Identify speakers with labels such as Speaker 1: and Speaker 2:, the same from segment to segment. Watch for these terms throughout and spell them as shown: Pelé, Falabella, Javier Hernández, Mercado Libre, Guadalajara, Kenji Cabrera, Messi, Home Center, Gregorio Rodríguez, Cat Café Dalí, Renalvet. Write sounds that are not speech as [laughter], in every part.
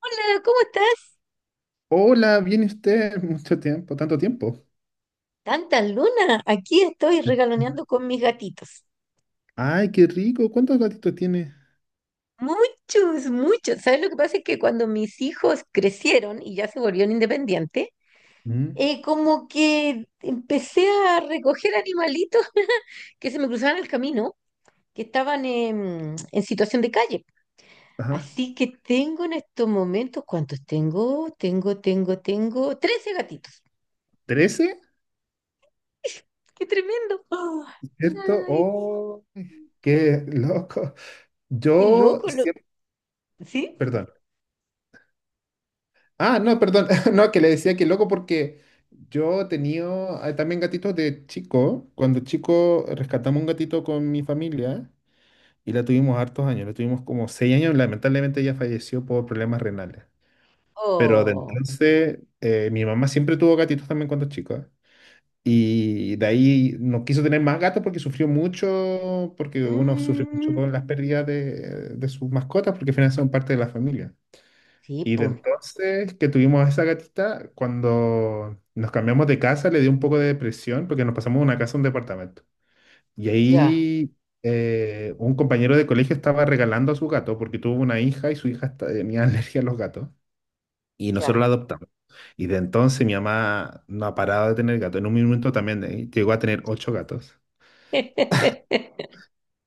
Speaker 1: Hola, ¿cómo estás?
Speaker 2: Hola, ¿viene usted? [laughs] Mucho tiempo, tanto tiempo.
Speaker 1: Tanta luna. Aquí estoy regaloneando con mis gatitos.
Speaker 2: Ay, qué rico. ¿Cuántos gatitos tiene?
Speaker 1: Muchos, muchos. ¿Sabes lo que pasa? Es que cuando mis hijos crecieron y ya se volvieron independientes,
Speaker 2: Mm.
Speaker 1: como que empecé a recoger animalitos [laughs] que se me cruzaban el camino, que estaban en situación de calle.
Speaker 2: Ajá.
Speaker 1: Así que tengo en estos momentos, ¿cuántos tengo? Tengo 13 gatitos.
Speaker 2: ¿13?
Speaker 1: ¡Qué tremendo! ¡Ah!
Speaker 2: ¿Cierto?
Speaker 1: ¡Ay,
Speaker 2: Oh, qué loco.
Speaker 1: qué
Speaker 2: Yo
Speaker 1: loco!
Speaker 2: siempre.
Speaker 1: ¿Sí?
Speaker 2: Perdón. Ah, no, perdón. [laughs] No, que le decía que loco porque yo tenía también gatitos de chico. Cuando chico rescatamos un gatito con mi familia y la tuvimos hartos años. La tuvimos como 6 años. Lamentablemente ella falleció por problemas renales. Pero de
Speaker 1: Oh.
Speaker 2: entonces, mi mamá siempre tuvo gatitos también cuando chico. Y de ahí no quiso tener más gatos porque sufrió mucho, porque uno sufre mucho
Speaker 1: Mm,
Speaker 2: con las pérdidas de sus mascotas, porque al final son parte de la familia.
Speaker 1: sí,
Speaker 2: Y de
Speaker 1: pues,
Speaker 2: entonces que tuvimos a esa gatita, cuando nos cambiamos de casa, le dio un poco de depresión porque nos pasamos de una casa a un departamento. Y
Speaker 1: ya,
Speaker 2: ahí un compañero de colegio estaba regalando a su gato porque tuvo una hija y su hija tenía [laughs] alergia a los gatos y nosotros la
Speaker 1: ya.
Speaker 2: adoptamos. Y de entonces mi mamá no ha parado de tener gatos. En un momento también llegó a tener ocho gatos.
Speaker 1: [laughs]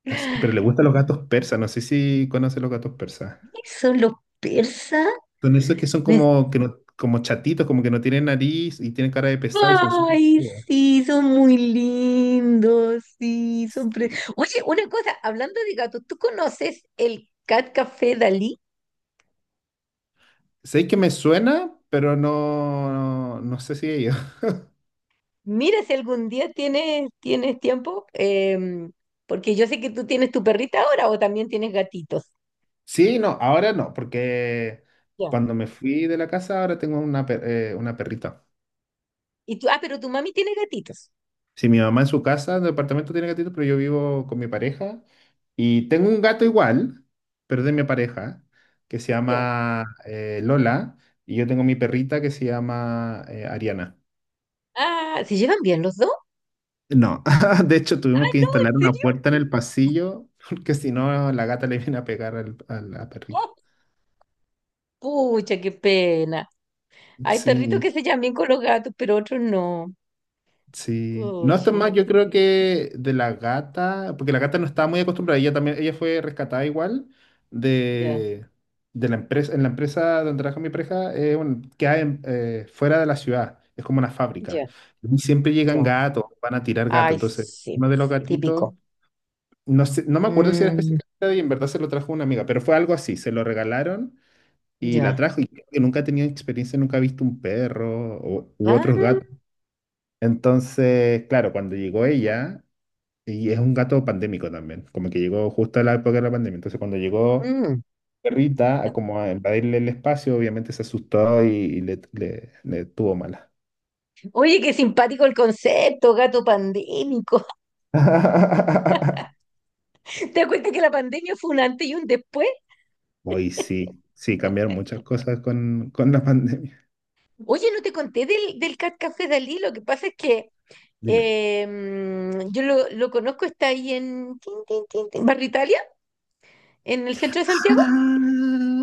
Speaker 2: Pero le gustan los gatos persas. No sé si conoce los gatos persas.
Speaker 1: Son los persas.
Speaker 2: Son esos que son
Speaker 1: Me-
Speaker 2: como, que no- como chatitos, como que no tienen nariz y tienen cara de pesado y son súper
Speaker 1: Ay,
Speaker 2: peludos.
Speaker 1: sí, son muy lindos, sí,
Speaker 2: Sí.
Speaker 1: Oye, una cosa, hablando de gatos, ¿tú conoces el Cat Café Dalí?
Speaker 2: Sé que me suena, pero no, no sé si ellos. [laughs]
Speaker 1: Mira si algún día tienes tiempo, porque yo sé que tú tienes tu perrita ahora o también tienes gatitos.
Speaker 2: Sí, no, ahora no, porque
Speaker 1: Ya.
Speaker 2: cuando me fui de la casa ahora tengo una perrita.
Speaker 1: Y tú, ah, pero tu mami tiene gatitos.
Speaker 2: Si mi mamá en su casa, en el departamento tiene gatitos, pero yo vivo con mi pareja y tengo un gato igual, pero de mi pareja, que se
Speaker 1: Ya.
Speaker 2: llama Lola, y yo tengo mi perrita que se llama Ariana.
Speaker 1: Ah, ¿se llevan bien los dos?
Speaker 2: No, [laughs] de hecho tuvimos que
Speaker 1: ¿En
Speaker 2: instalar una
Speaker 1: serio?
Speaker 2: puerta en el pasillo porque si no la gata le viene a pegar a la perrita.
Speaker 1: Pucha, qué pena. Hay perritos
Speaker 2: Sí.
Speaker 1: que se llevan bien con los gatos, pero otros no.
Speaker 2: Sí. No, esto es
Speaker 1: Pucha,
Speaker 2: más, yo creo que de la gata, porque la gata no estaba muy acostumbrada, ella también, ella fue rescatada igual
Speaker 1: ya,
Speaker 2: de, de la empresa, en la empresa donde trabaja mi pareja, que hay fuera de la ciudad, es como una fábrica.
Speaker 1: ya,
Speaker 2: Y siempre llegan
Speaker 1: ya.
Speaker 2: gatos, van a tirar gatos,
Speaker 1: Ay,
Speaker 2: entonces
Speaker 1: sí,
Speaker 2: uno de los , sí, gatitos,
Speaker 1: típico.
Speaker 2: no sé, no me acuerdo si era
Speaker 1: Mm,
Speaker 2: específicamente y en verdad se lo trajo una amiga, pero fue algo así, se lo regalaron y la
Speaker 1: ya.
Speaker 2: trajo y creo que nunca ha tenido experiencia, nunca ha visto un perro o, u
Speaker 1: Ah,
Speaker 2: otros gatos. Entonces, claro, cuando llegó ella, y es un gato pandémico también, como que llegó justo a la época de la pandemia, entonces cuando llegó
Speaker 1: mm.
Speaker 2: perrita a como a invadirle el espacio, obviamente se asustó y le tuvo mala.
Speaker 1: Oye, qué simpático el concepto, gato pandémico. [laughs]
Speaker 2: [laughs]
Speaker 1: ¿Te das cuenta que la pandemia fue un antes y un después?
Speaker 2: Hoy sí, sí, cambiaron muchas cosas con la [laughs] pandemia.
Speaker 1: Oye, no te conté del Cat Café Dalí, lo que pasa es que
Speaker 2: Dime.
Speaker 1: yo lo conozco, está ahí en tin, tin, tin, tin, Barrio Italia, en el centro de Santiago.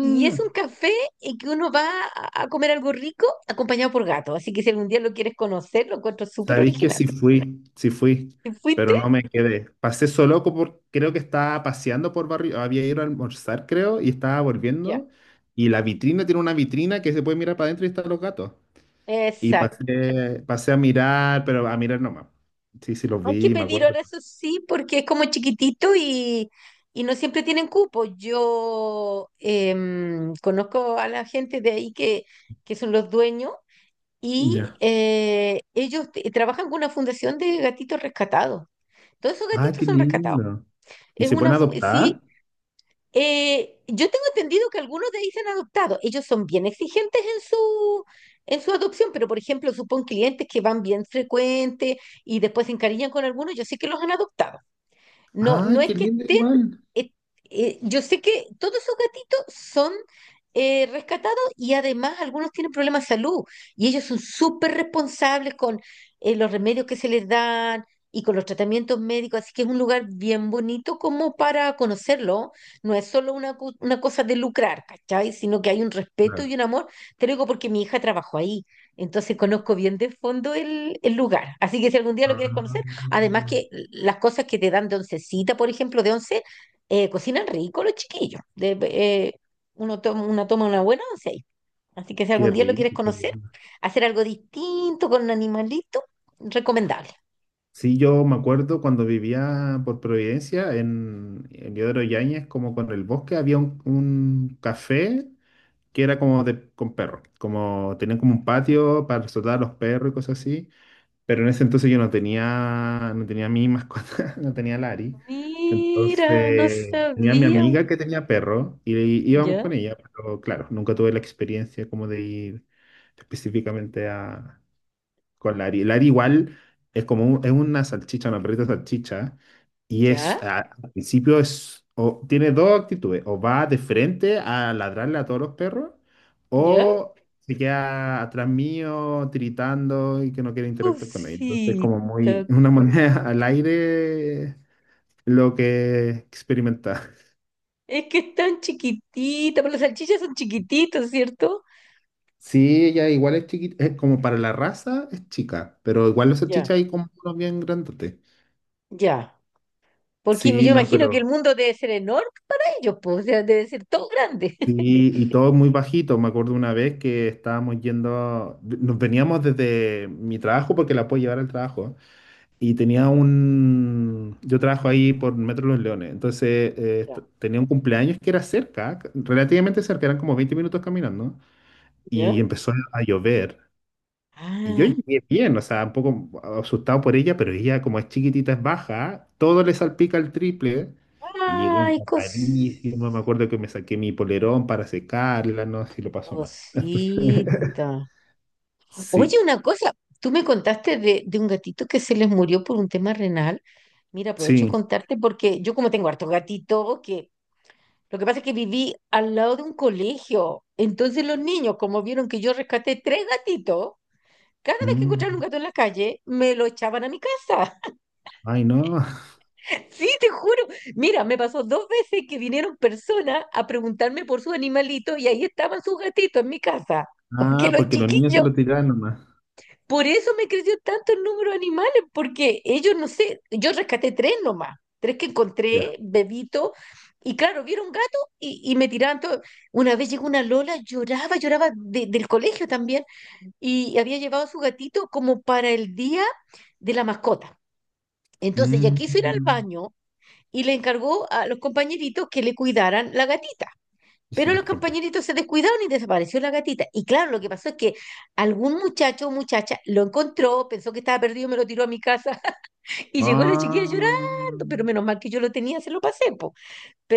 Speaker 1: Y es un café en que uno va a comer algo rico acompañado por gato. Así que si algún día lo quieres conocer, lo encuentro súper
Speaker 2: Sabéis que
Speaker 1: original.
Speaker 2: sí fui,
Speaker 1: ¿Te fuiste?
Speaker 2: pero no me quedé. Pasé solo por, creo que estaba paseando por barrio, había ido a almorzar, creo, y estaba
Speaker 1: Ya.
Speaker 2: volviendo. Y la vitrina tiene una vitrina que se puede mirar para adentro y están los gatos. Y
Speaker 1: Exacto.
Speaker 2: pasé a mirar, pero a mirar nomás. Sí, sí, los
Speaker 1: Hay que
Speaker 2: vi, me
Speaker 1: pedir
Speaker 2: acuerdo.
Speaker 1: ahora, eso sí, porque es como chiquitito y no siempre tienen cupo. Yo conozco a la gente de ahí que son los dueños y
Speaker 2: Ya.
Speaker 1: ellos trabajan con una fundación de gatitos rescatados. Todos esos
Speaker 2: ¡Ah,
Speaker 1: gatitos
Speaker 2: qué
Speaker 1: son rescatados.
Speaker 2: lindo! ¿Y
Speaker 1: Es
Speaker 2: se
Speaker 1: una,
Speaker 2: pueden
Speaker 1: sí.
Speaker 2: adoptar?
Speaker 1: Yo tengo entendido que algunos de ahí se han adoptado. Ellos son bien exigentes en su adopción, pero por ejemplo, supón clientes que van bien frecuentes y después se encariñan con algunos, yo sé que los han adoptado. No, no
Speaker 2: ¡Ay,
Speaker 1: es
Speaker 2: qué
Speaker 1: que
Speaker 2: lindo
Speaker 1: estén,
Speaker 2: igual!
Speaker 1: eh, yo sé que todos esos gatitos son rescatados y además algunos tienen problemas de salud y ellos son súper responsables con los remedios que se les dan y con los tratamientos médicos, así que es un lugar bien bonito como para conocerlo, no es solo una, una cosa de lucrar, ¿cachai? Sino que hay un respeto y
Speaker 2: Claro.
Speaker 1: un amor, te lo digo porque mi hija trabajó ahí, entonces conozco bien de fondo el lugar, así que si algún día lo quieres conocer. Además
Speaker 2: Ah,
Speaker 1: que las cosas que te dan de oncecita, por ejemplo, de once, cocinan rico los chiquillos. Uno toma una buena once ahí. Así que si
Speaker 2: qué
Speaker 1: algún día lo
Speaker 2: rico.
Speaker 1: quieres conocer, hacer algo distinto con un animalito, recomendable.
Speaker 2: Sí, yo me acuerdo cuando vivía por Providencia en Yodro Yáñez, como con el bosque, había un café que era como de, con perros, como tenían como un patio para soltar a los perros y cosas así, pero en ese entonces yo no tenía mi mascota, [laughs] no tenía Lari,
Speaker 1: Mira, no
Speaker 2: entonces tenía a mi
Speaker 1: sabía.
Speaker 2: amiga que tenía perro y íbamos
Speaker 1: Ya,
Speaker 2: con ella, pero claro, nunca tuve la experiencia como de ir específicamente a con la lari la igual es como es una salchicha, una perrita salchicha, y es,
Speaker 1: ¿ya?
Speaker 2: al principio es, o, tiene dos actitudes, o va de frente a ladrarle a todos los perros,
Speaker 1: Ya,
Speaker 2: o se queda atrás mío, tiritando y que no quiere interactuar con nadie. Entonces es como muy,
Speaker 1: cosita.
Speaker 2: [laughs] una moneda al aire lo que experimenta.
Speaker 1: Es que están chiquititas, pero las salchichas son chiquititas, ¿cierto?
Speaker 2: Sí, ella igual es chiquita, es como para la raza es chica, pero igual los
Speaker 1: Ya,
Speaker 2: salchichas hay como unos bien grandotes.
Speaker 1: ya. Porque
Speaker 2: Sí,
Speaker 1: yo
Speaker 2: no,
Speaker 1: imagino que el
Speaker 2: pero...
Speaker 1: mundo debe ser enorme para ellos, pues, o sea, debe ser todo grande.
Speaker 2: Sí, y todo muy bajito. Me acuerdo una vez que estábamos yendo, nos veníamos desde mi trabajo porque la puedo llevar al trabajo. Y tenía yo trabajo ahí por Metro Los Leones, entonces
Speaker 1: Ya.
Speaker 2: tenía un cumpleaños que era cerca, relativamente cerca, eran como 20 minutos caminando.
Speaker 1: [laughs] ¿Ya?
Speaker 2: Y empezó a llover y yo
Speaker 1: Ah,
Speaker 2: llegué bien, o sea, un poco asustado por ella, pero ella como es chiquitita, es baja, todo le salpica el triple. Y llegó
Speaker 1: ay,
Speaker 2: tapadísima, me acuerdo que me saqué mi polerón para secarla, no sé si lo pasó mal. [laughs]
Speaker 1: cosita. Oye,
Speaker 2: Sí,
Speaker 1: una cosa, tú me contaste de un gatito que se les murió por un tema renal. Mira, aprovecho de
Speaker 2: sí.
Speaker 1: contarte porque yo como tengo harto gatito, que lo que pasa es que viví al lado de un colegio. Entonces los niños, como vieron que yo rescaté tres gatitos, cada vez que encontraron un
Speaker 2: Mm.
Speaker 1: gato en la calle, me lo echaban a mi casa.
Speaker 2: Ay, no.
Speaker 1: Sí, te juro. Mira, me pasó dos veces que vinieron personas a preguntarme por sus animalitos y ahí estaban sus gatitos en mi casa. [laughs] Porque
Speaker 2: Ah,
Speaker 1: los
Speaker 2: porque los niños se
Speaker 1: chiquillos,
Speaker 2: lo tiraban nomás.
Speaker 1: por eso me creció tanto el número de animales, porque ellos, no sé, yo rescaté tres nomás, tres que
Speaker 2: Ya.
Speaker 1: encontré, bebito, y claro, vieron gato y me tiraban todo. Una vez llegó una Lola, lloraba, lloraba del colegio también, y había llevado a su gatito como para el día de la mascota. Entonces ya quiso ir al
Speaker 2: Mm,
Speaker 1: baño y le encargó a los compañeritos que le cuidaran la gatita.
Speaker 2: Y se
Speaker 1: Pero
Speaker 2: le
Speaker 1: los
Speaker 2: escapó.
Speaker 1: compañeritos se descuidaron y desapareció la gatita. Y claro, lo que pasó es que algún muchacho o muchacha lo encontró, pensó que estaba perdido, me lo tiró a mi casa [laughs] y llegó la chiquilla
Speaker 2: Ah.
Speaker 1: llorando, pero menos mal que yo lo tenía, se lo pasé, po.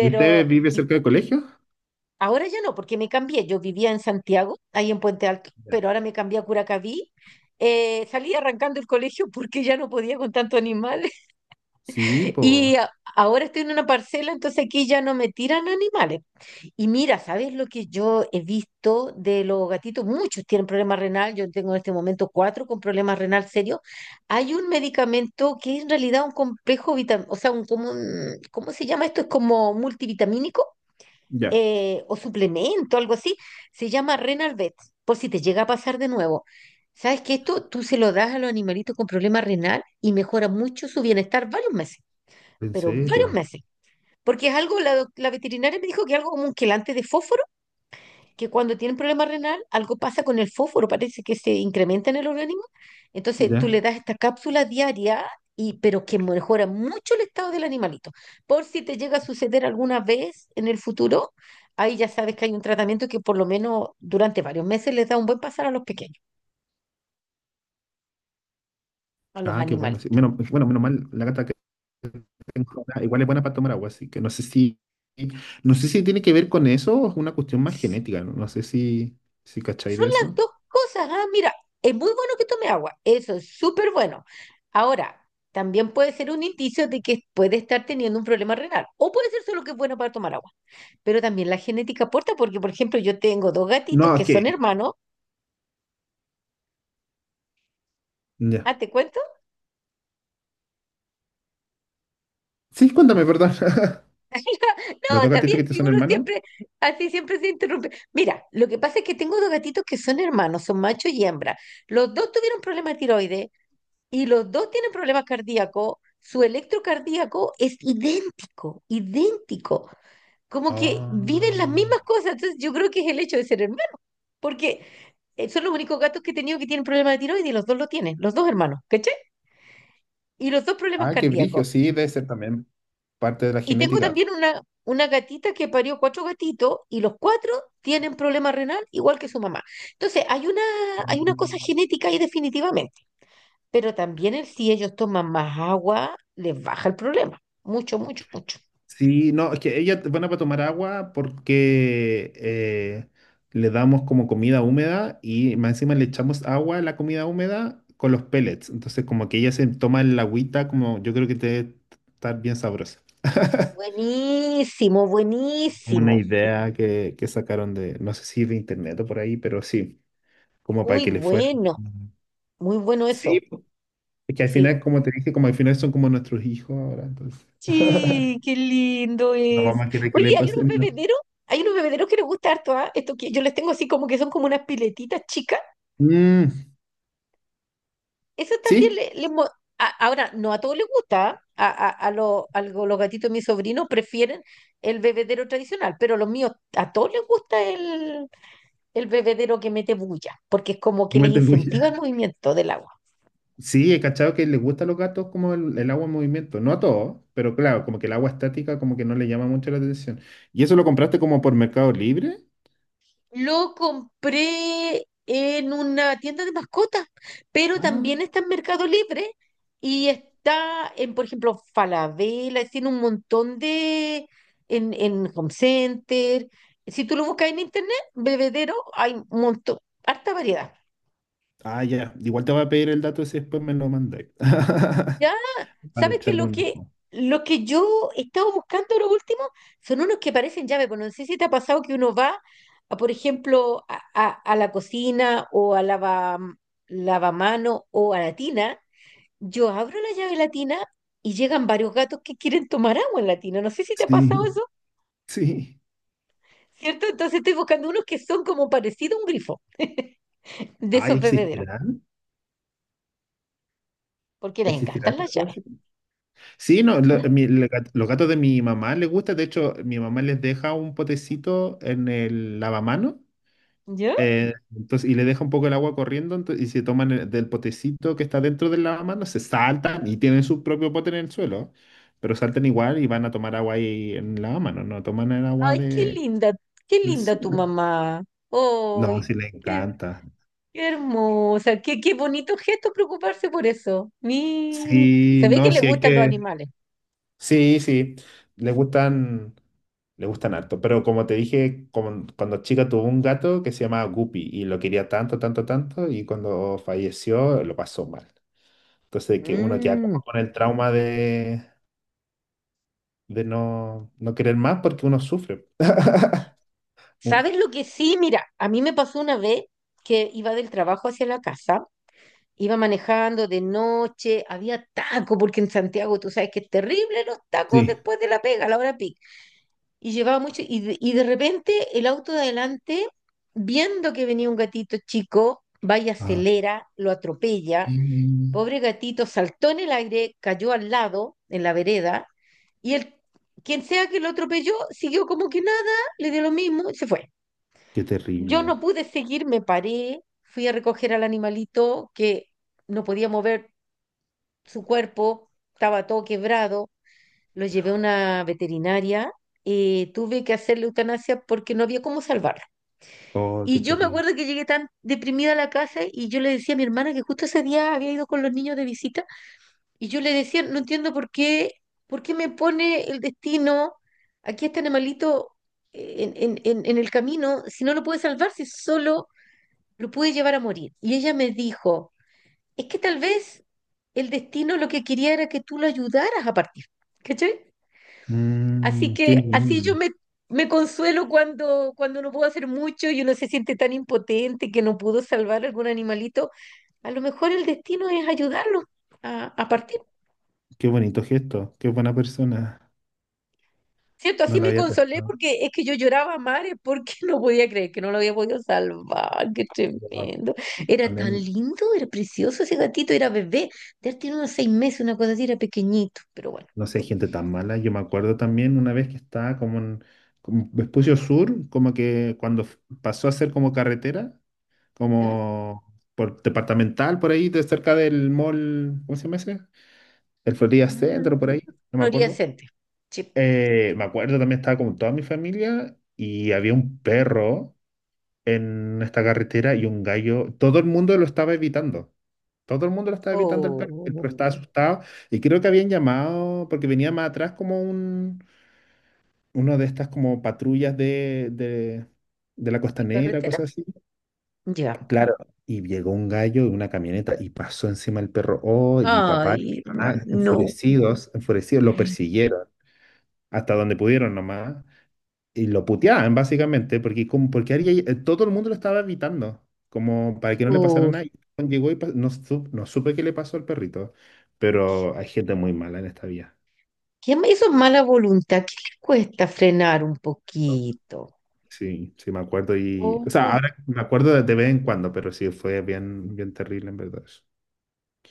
Speaker 2: ¿Y usted vive
Speaker 1: y
Speaker 2: cerca del colegio?
Speaker 1: ahora ya no, porque me cambié. Yo vivía en Santiago, ahí en Puente Alto,
Speaker 2: Ya.
Speaker 1: pero ahora me cambié a Curacaví. Salí arrancando el colegio porque ya no podía con tantos animales
Speaker 2: Sí,
Speaker 1: [laughs] y
Speaker 2: po.
Speaker 1: a- ahora estoy en una parcela, entonces aquí ya no me tiran animales. Y mira, ¿sabes lo que yo he visto de los gatitos? Muchos tienen problemas renal, yo tengo en este momento cuatro con problemas renal serios. Hay un medicamento que es en realidad un complejo vitamínico, o sea, un, ¿cómo se llama esto? Es como multivitamínico
Speaker 2: Ya.
Speaker 1: o suplemento, algo así. Se llama Renalvet, por si te llega a pasar de nuevo. ¿Sabes que esto tú se lo das a los animalitos con problemas renal y mejora mucho su bienestar varios meses,
Speaker 2: ¿En
Speaker 1: pero varios
Speaker 2: serio?
Speaker 1: meses? Porque es algo, la veterinaria me dijo que es algo como un quelante de fósforo que cuando tienen problema renal, algo pasa con el fósforo, parece que se incrementa en el organismo. Entonces tú
Speaker 2: Ya.
Speaker 1: le das esta cápsula diaria, y, pero que mejora mucho el estado del animalito. Por si te llega a suceder alguna vez en el futuro, ahí ya sabes que hay un tratamiento que por lo menos durante varios meses les da un buen pasar a los pequeños, a los
Speaker 2: Ah, qué bueno. Sí.
Speaker 1: animalitos.
Speaker 2: Menos, bueno, menos mal, la gata que tengo ahora igual es buena para tomar agua, así que no sé si tiene que ver con eso o es una cuestión más genética, no, No sé si, cachai
Speaker 1: Son
Speaker 2: de
Speaker 1: las
Speaker 2: eso.
Speaker 1: dos cosas. Ah, mira, es muy bueno que tome agua, eso es súper bueno. Ahora, también puede ser un indicio de que puede estar teniendo un problema renal, o puede ser solo que es bueno para tomar agua. Pero también la genética aporta, porque por ejemplo yo tengo dos gatitos
Speaker 2: No, es
Speaker 1: que
Speaker 2: que,
Speaker 1: son hermanos.
Speaker 2: ya.
Speaker 1: Ah, ¿te cuento?
Speaker 2: Sí, cuéntame, perdón. [laughs]
Speaker 1: [laughs] No,
Speaker 2: ¿Los dos gatitos
Speaker 1: también,
Speaker 2: que te
Speaker 1: si
Speaker 2: son
Speaker 1: uno
Speaker 2: hermanos?
Speaker 1: siempre, así siempre se interrumpe. Mira, lo que pasa es que tengo dos gatitos que son hermanos, son macho y hembra. Los dos tuvieron problemas de tiroides y los dos tienen problemas cardíacos. Su electrocardíaco es idéntico, idéntico. Como que viven las
Speaker 2: Ah,
Speaker 1: mismas cosas. Entonces yo creo que es el hecho de ser hermano porque son los únicos gatos que he tenido que tienen problemas de tiroides y los dos lo tienen, los dos hermanos. ¿Cachai? Y los dos problemas
Speaker 2: ah, qué brillo,
Speaker 1: cardíacos.
Speaker 2: sí, debe ser también parte de la
Speaker 1: Y tengo
Speaker 2: genética.
Speaker 1: también una gatita que parió cuatro gatitos y los cuatro tienen problema renal igual que su mamá. Entonces, hay una cosa
Speaker 2: Mm.
Speaker 1: genética ahí definitivamente, pero también el si ellos toman más agua, les baja el problema. Mucho, mucho, mucho.
Speaker 2: Sí, no, es que ellas van a para tomar agua porque le damos como comida húmeda y más encima le echamos agua a la comida húmeda con los pellets. Entonces, como que ella se toma el agüita, como yo creo que te debe estar bien sabrosa. [laughs]
Speaker 1: Buenísimo,
Speaker 2: Como una
Speaker 1: buenísimo.
Speaker 2: idea que sacaron de, no sé si de internet o por ahí, pero sí, como para
Speaker 1: Muy
Speaker 2: que le fuera.
Speaker 1: bueno,
Speaker 2: Ujú.
Speaker 1: muy bueno eso.
Speaker 2: Sí, po, es que al
Speaker 1: Sí.
Speaker 2: final, como te dije, como al final son como nuestros hijos ahora, entonces
Speaker 1: Sí, qué lindo
Speaker 2: no
Speaker 1: eso.
Speaker 2: vamos a querer que
Speaker 1: Oye,
Speaker 2: le pasen nada.
Speaker 1: hay unos bebederos que les gusta harto, ¿ah? Esto que yo les tengo así como que son como unas piletitas chicas.
Speaker 2: Mm,
Speaker 1: Eso también
Speaker 2: sí,
Speaker 1: ahora, no a todos les gusta, ¿ah? Los gatitos de mis sobrinos prefieren el bebedero tradicional, pero los míos, a todos les gusta el bebedero que mete bulla, porque es como
Speaker 2: que
Speaker 1: que les
Speaker 2: meten
Speaker 1: incentiva el movimiento del agua.
Speaker 2: Sí, he cachado que les gusta a los gatos como el agua en movimiento. No a todos, pero claro, como que el agua estática como que no le llama mucho la atención. ¿Y eso lo compraste como por Mercado Libre?
Speaker 1: Lo compré en una tienda de mascotas, pero
Speaker 2: Ah,
Speaker 1: también está en Mercado Libre y está en, por ejemplo, Falabella, tiene un montón de, en Home Center. Si tú lo buscas en internet, bebedero, hay un montón, harta variedad.
Speaker 2: ah, ya. Igual te voy a pedir el dato si después me lo mandáis. [laughs]
Speaker 1: ¿Ya?
Speaker 2: Para
Speaker 1: ¿Sabes qué?
Speaker 2: echarle un ojo.
Speaker 1: Lo que yo estaba buscando lo último son unos que parecen llave, pero no sé si te ha pasado que uno va, a, por ejemplo, a la cocina o lavamano o a la tina. Yo abro la llave latina y llegan varios gatos que quieren tomar agua en la tina. No sé si te ha
Speaker 2: Sí,
Speaker 1: pasado eso,
Speaker 2: sí.
Speaker 1: ¿cierto? Entonces estoy buscando unos que son como parecido a un grifo [laughs] de
Speaker 2: Ay,
Speaker 1: esos bebederos,
Speaker 2: ¿existirán?
Speaker 1: porque les
Speaker 2: ¿Existirán?
Speaker 1: encantan
Speaker 2: esas
Speaker 1: las llaves.
Speaker 2: cosas? Sí, no, lo-
Speaker 1: ¿Mm?
Speaker 2: mi- le- gat- los gatos de mi mamá les gusta. De hecho, mi mamá les deja un potecito en el lavamano.
Speaker 1: ¿Ya?
Speaker 2: Entonces, y le deja un poco el agua corriendo y se toman del potecito que está dentro del lavamanos, se saltan y tienen su propio pote en el suelo, pero saltan igual y van a tomar agua ahí en el lavamanos, no toman el agua
Speaker 1: Ay, qué
Speaker 2: de
Speaker 1: linda tu mamá.
Speaker 2: No, sí
Speaker 1: Ay,
Speaker 2: le
Speaker 1: qué,
Speaker 2: encanta.
Speaker 1: qué hermosa, qué, qué bonito gesto preocuparse por eso. Mi,
Speaker 2: Sí,
Speaker 1: se ve que
Speaker 2: no,
Speaker 1: le
Speaker 2: sí hay
Speaker 1: gustan los
Speaker 2: que...
Speaker 1: animales.
Speaker 2: Sí, sí, le gustan, le gustan harto, pero como te dije, cuando chica tuvo un gato que se llamaba Guppy y lo quería tanto, tanto, tanto y cuando falleció lo pasó mal. Entonces, que uno queda
Speaker 1: Mm,
Speaker 2: como con el trauma de no querer más porque uno sufre. [laughs] Uh,
Speaker 1: ¿sabes lo que sí? Mira, a mí me pasó una vez que iba del trabajo hacia la casa, iba manejando de noche, había taco, porque en Santiago tú sabes que es terrible los tacos
Speaker 2: Sí.
Speaker 1: después de la pega, a la hora pico y llevaba mucho, y de repente el auto de adelante, viendo que venía un gatito chico, va y
Speaker 2: Ah,
Speaker 1: acelera, lo atropella,
Speaker 2: mm,
Speaker 1: pobre gatito saltó en el aire, cayó al lado, en la vereda, y el, quien sea que lo atropelló, siguió como que nada, le dio lo mismo y se fue.
Speaker 2: qué
Speaker 1: Yo
Speaker 2: terrible.
Speaker 1: no pude seguir, me paré, fui a recoger al animalito que no podía mover su cuerpo, estaba todo quebrado. Lo llevé a una veterinaria y tuve que hacerle eutanasia porque no había cómo salvarlo.
Speaker 2: Oh, qué
Speaker 1: Y yo me
Speaker 2: terrible.
Speaker 1: acuerdo que llegué tan deprimida a la casa y yo le decía a mi hermana que justo ese día había ido con los niños de visita. Y yo le decía, no entiendo por qué me pone el destino aquí a este animalito en el camino si no lo puede salvar, si solo lo puede llevar a morir. Y ella me dijo, es que tal vez el destino lo que quería era que tú lo ayudaras a partir. ¿Cachai? Así
Speaker 2: Qué
Speaker 1: que así yo
Speaker 2: lindo.
Speaker 1: me consuelo cuando no puedo hacer mucho y uno se siente tan impotente que no pudo salvar algún animalito. A lo mejor el destino es ayudarlo a partir.
Speaker 2: Qué bonito gesto. Qué buena persona.
Speaker 1: ¿Cierto?
Speaker 2: No
Speaker 1: Así
Speaker 2: lo
Speaker 1: me
Speaker 2: había
Speaker 1: consolé
Speaker 2: pensado.
Speaker 1: porque es que yo lloraba a mares porque [laughs] no podía creer que no lo había podido salvar. Qué
Speaker 2: Yo me ac-
Speaker 1: tremendo. Era tan
Speaker 2: también,
Speaker 1: lindo, era precioso ese gatito, era bebé. Ya tiene unos 6 meses, una cosa así, era pequeñito, pero bueno.
Speaker 2: no sé, hay gente tan mala. Yo me acuerdo también una vez que estaba como en como Vespucio Sur, como que cuando pasó a ser como carretera,
Speaker 1: ¿Ya?
Speaker 2: como por departamental, por ahí, de cerca del mall, ¿cómo se llama ese? El Florida Centro, por
Speaker 1: Ah,
Speaker 2: ahí, no me
Speaker 1: Florida
Speaker 2: acuerdo.
Speaker 1: Center. Sí.
Speaker 2: Me acuerdo también estaba con toda mi familia y había un perro en esta carretera y un gallo. Todo el mundo lo estaba evitando. Todo el mundo lo estaba evitando el perro. El
Speaker 1: Oh,
Speaker 2: perro estaba asustado y creo que habían llamado porque venía más atrás como un, uno de estas como patrullas de la
Speaker 1: de
Speaker 2: costanera,
Speaker 1: carretera.
Speaker 2: cosas así.
Speaker 1: Ya.
Speaker 2: Claro, y llegó un gallo en una camioneta y pasó encima el perro. Oh, y mi papá,
Speaker 1: Ay, ¿verdad? No.
Speaker 2: enfurecidos, enfurecidos, lo persiguieron, hasta donde pudieron nomás, y lo puteaban básicamente, porque, como, porque todo el mundo lo estaba evitando, como para que no le pasara
Speaker 1: Oh.
Speaker 2: nada. Y Juan llegó y no, no supe qué le pasó al perrito, pero hay gente muy mala en esta vía.
Speaker 1: ¿Qué me hizo mala voluntad? ¿Qué le cuesta frenar un poquito?
Speaker 2: Sí, sí, me acuerdo y. O sea,
Speaker 1: Oh,
Speaker 2: ahora me acuerdo de vez en cuando, pero sí, fue bien, bien terrible en verdad eso.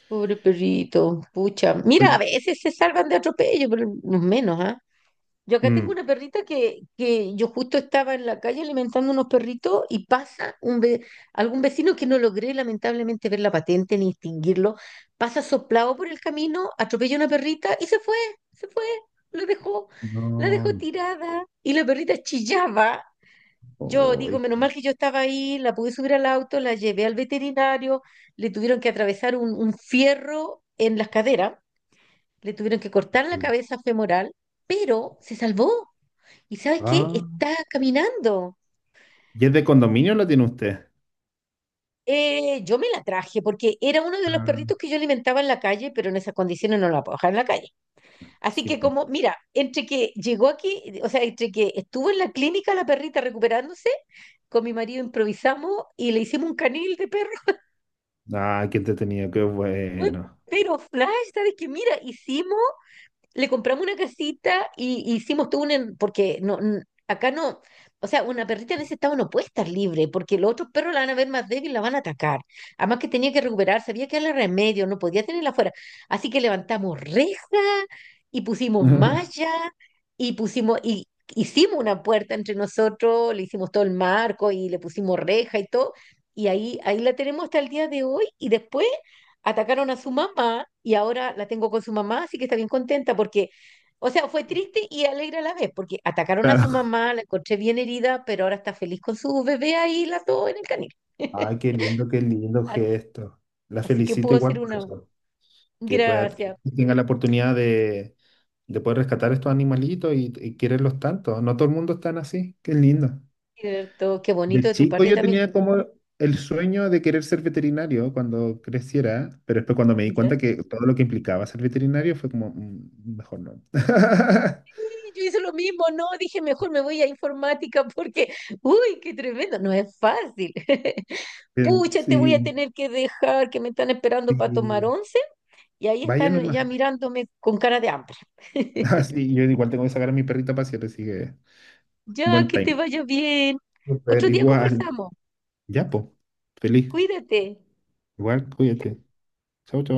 Speaker 1: pobre perrito. Pucha. Mira, a
Speaker 2: Oye,
Speaker 1: veces se salvan de atropello, pero los menos, ¿ah? Yo acá tengo
Speaker 2: mm,
Speaker 1: una perrita que yo justo estaba en la calle alimentando unos perritos y algún vecino que no logré lamentablemente ver la patente ni distinguirlo, pasa soplado por el camino, atropella una perrita y se fue, la dejó, la dejó
Speaker 2: no,
Speaker 1: tirada y la perrita chillaba. Yo digo,
Speaker 2: oy,
Speaker 1: menos mal que yo estaba ahí, la pude subir al auto, la llevé al veterinario, le tuvieron que atravesar un fierro en las caderas, le tuvieron que cortar la cabeza femoral, pero se salvó. ¿Y sabes qué?
Speaker 2: ah,
Speaker 1: Está caminando.
Speaker 2: ¿y es de condominio lo tiene usted?
Speaker 1: Yo me la traje porque era uno de los
Speaker 2: Ah,
Speaker 1: perritos que yo alimentaba en la calle, pero en esas condiciones no la puedo dejar en la calle. Así
Speaker 2: sí,
Speaker 1: que
Speaker 2: pues.
Speaker 1: como, mira, entre que llegó aquí, o sea, entre que estuvo en la clínica la perrita recuperándose, con mi marido improvisamos y le hicimos un canil de perro.
Speaker 2: Ah, qué entretenido, qué
Speaker 1: Fue
Speaker 2: bueno.
Speaker 1: Pero Flash, ¿sabes qué? Mira, hicimos le compramos una casita y hicimos todo porque no, acá no, o sea, una perrita en ese estado no puede estar libre, porque los otros perros la van a ver más débil, y la van a atacar. Además que tenía que recuperarse, había que darle remedio, no podía tenerla afuera. Así que levantamos reja y pusimos malla
Speaker 2: [laughs]
Speaker 1: y hicimos una puerta entre nosotros, le hicimos todo el marco y le pusimos reja y todo. Y ahí la tenemos hasta el día de hoy y después atacaron a su mamá y ahora la tengo con su mamá, así que está bien contenta porque, o sea, fue triste y alegre a la vez, porque atacaron a su
Speaker 2: Claro.
Speaker 1: mamá, la encontré bien herida, pero ahora está feliz con su bebé ahí, las dos en el canil.
Speaker 2: Ay,
Speaker 1: [laughs]
Speaker 2: qué lindo
Speaker 1: A-
Speaker 2: gesto. La
Speaker 1: Así que
Speaker 2: felicito
Speaker 1: pudo ser
Speaker 2: igual por
Speaker 1: una.
Speaker 2: eso, que pueda, que
Speaker 1: Gracias,
Speaker 2: tenga la oportunidad de poder rescatar estos animalitos y quererlos tanto. No todo el mundo es tan así, qué lindo.
Speaker 1: cierto, qué bonito
Speaker 2: De
Speaker 1: de tu
Speaker 2: chico
Speaker 1: parte
Speaker 2: yo
Speaker 1: también.
Speaker 2: tenía como el sueño de querer ser veterinario cuando creciera, pero después cuando me di
Speaker 1: ¿Ya?
Speaker 2: cuenta que todo lo que implicaba ser veterinario fue como, "Mm, mejor no. [laughs]
Speaker 1: Yo hice lo mismo, no, dije mejor me voy a informática [laughs] porque, uy, qué tremendo, no es fácil. [laughs]
Speaker 2: Bien,
Speaker 1: Pucha, te voy a
Speaker 2: Sí,
Speaker 1: tener que dejar, que me están
Speaker 2: sí,
Speaker 1: esperando para tomar once. Y ahí
Speaker 2: vaya
Speaker 1: están
Speaker 2: nomás.
Speaker 1: ya
Speaker 2: [laughs]
Speaker 1: mirándome con cara de hambre.
Speaker 2: Ah,
Speaker 1: [laughs]
Speaker 2: sí, yo igual tengo que sacar a mi perrita a pasear, así que
Speaker 1: Ya,
Speaker 2: buen
Speaker 1: que
Speaker 2: time.
Speaker 1: te vaya bien. Otro
Speaker 2: Súper,
Speaker 1: día
Speaker 2: igual.
Speaker 1: conversamos.
Speaker 2: Ya, po. Feliz.
Speaker 1: Cuídate.
Speaker 2: Igual, cuídate. Chau, chau.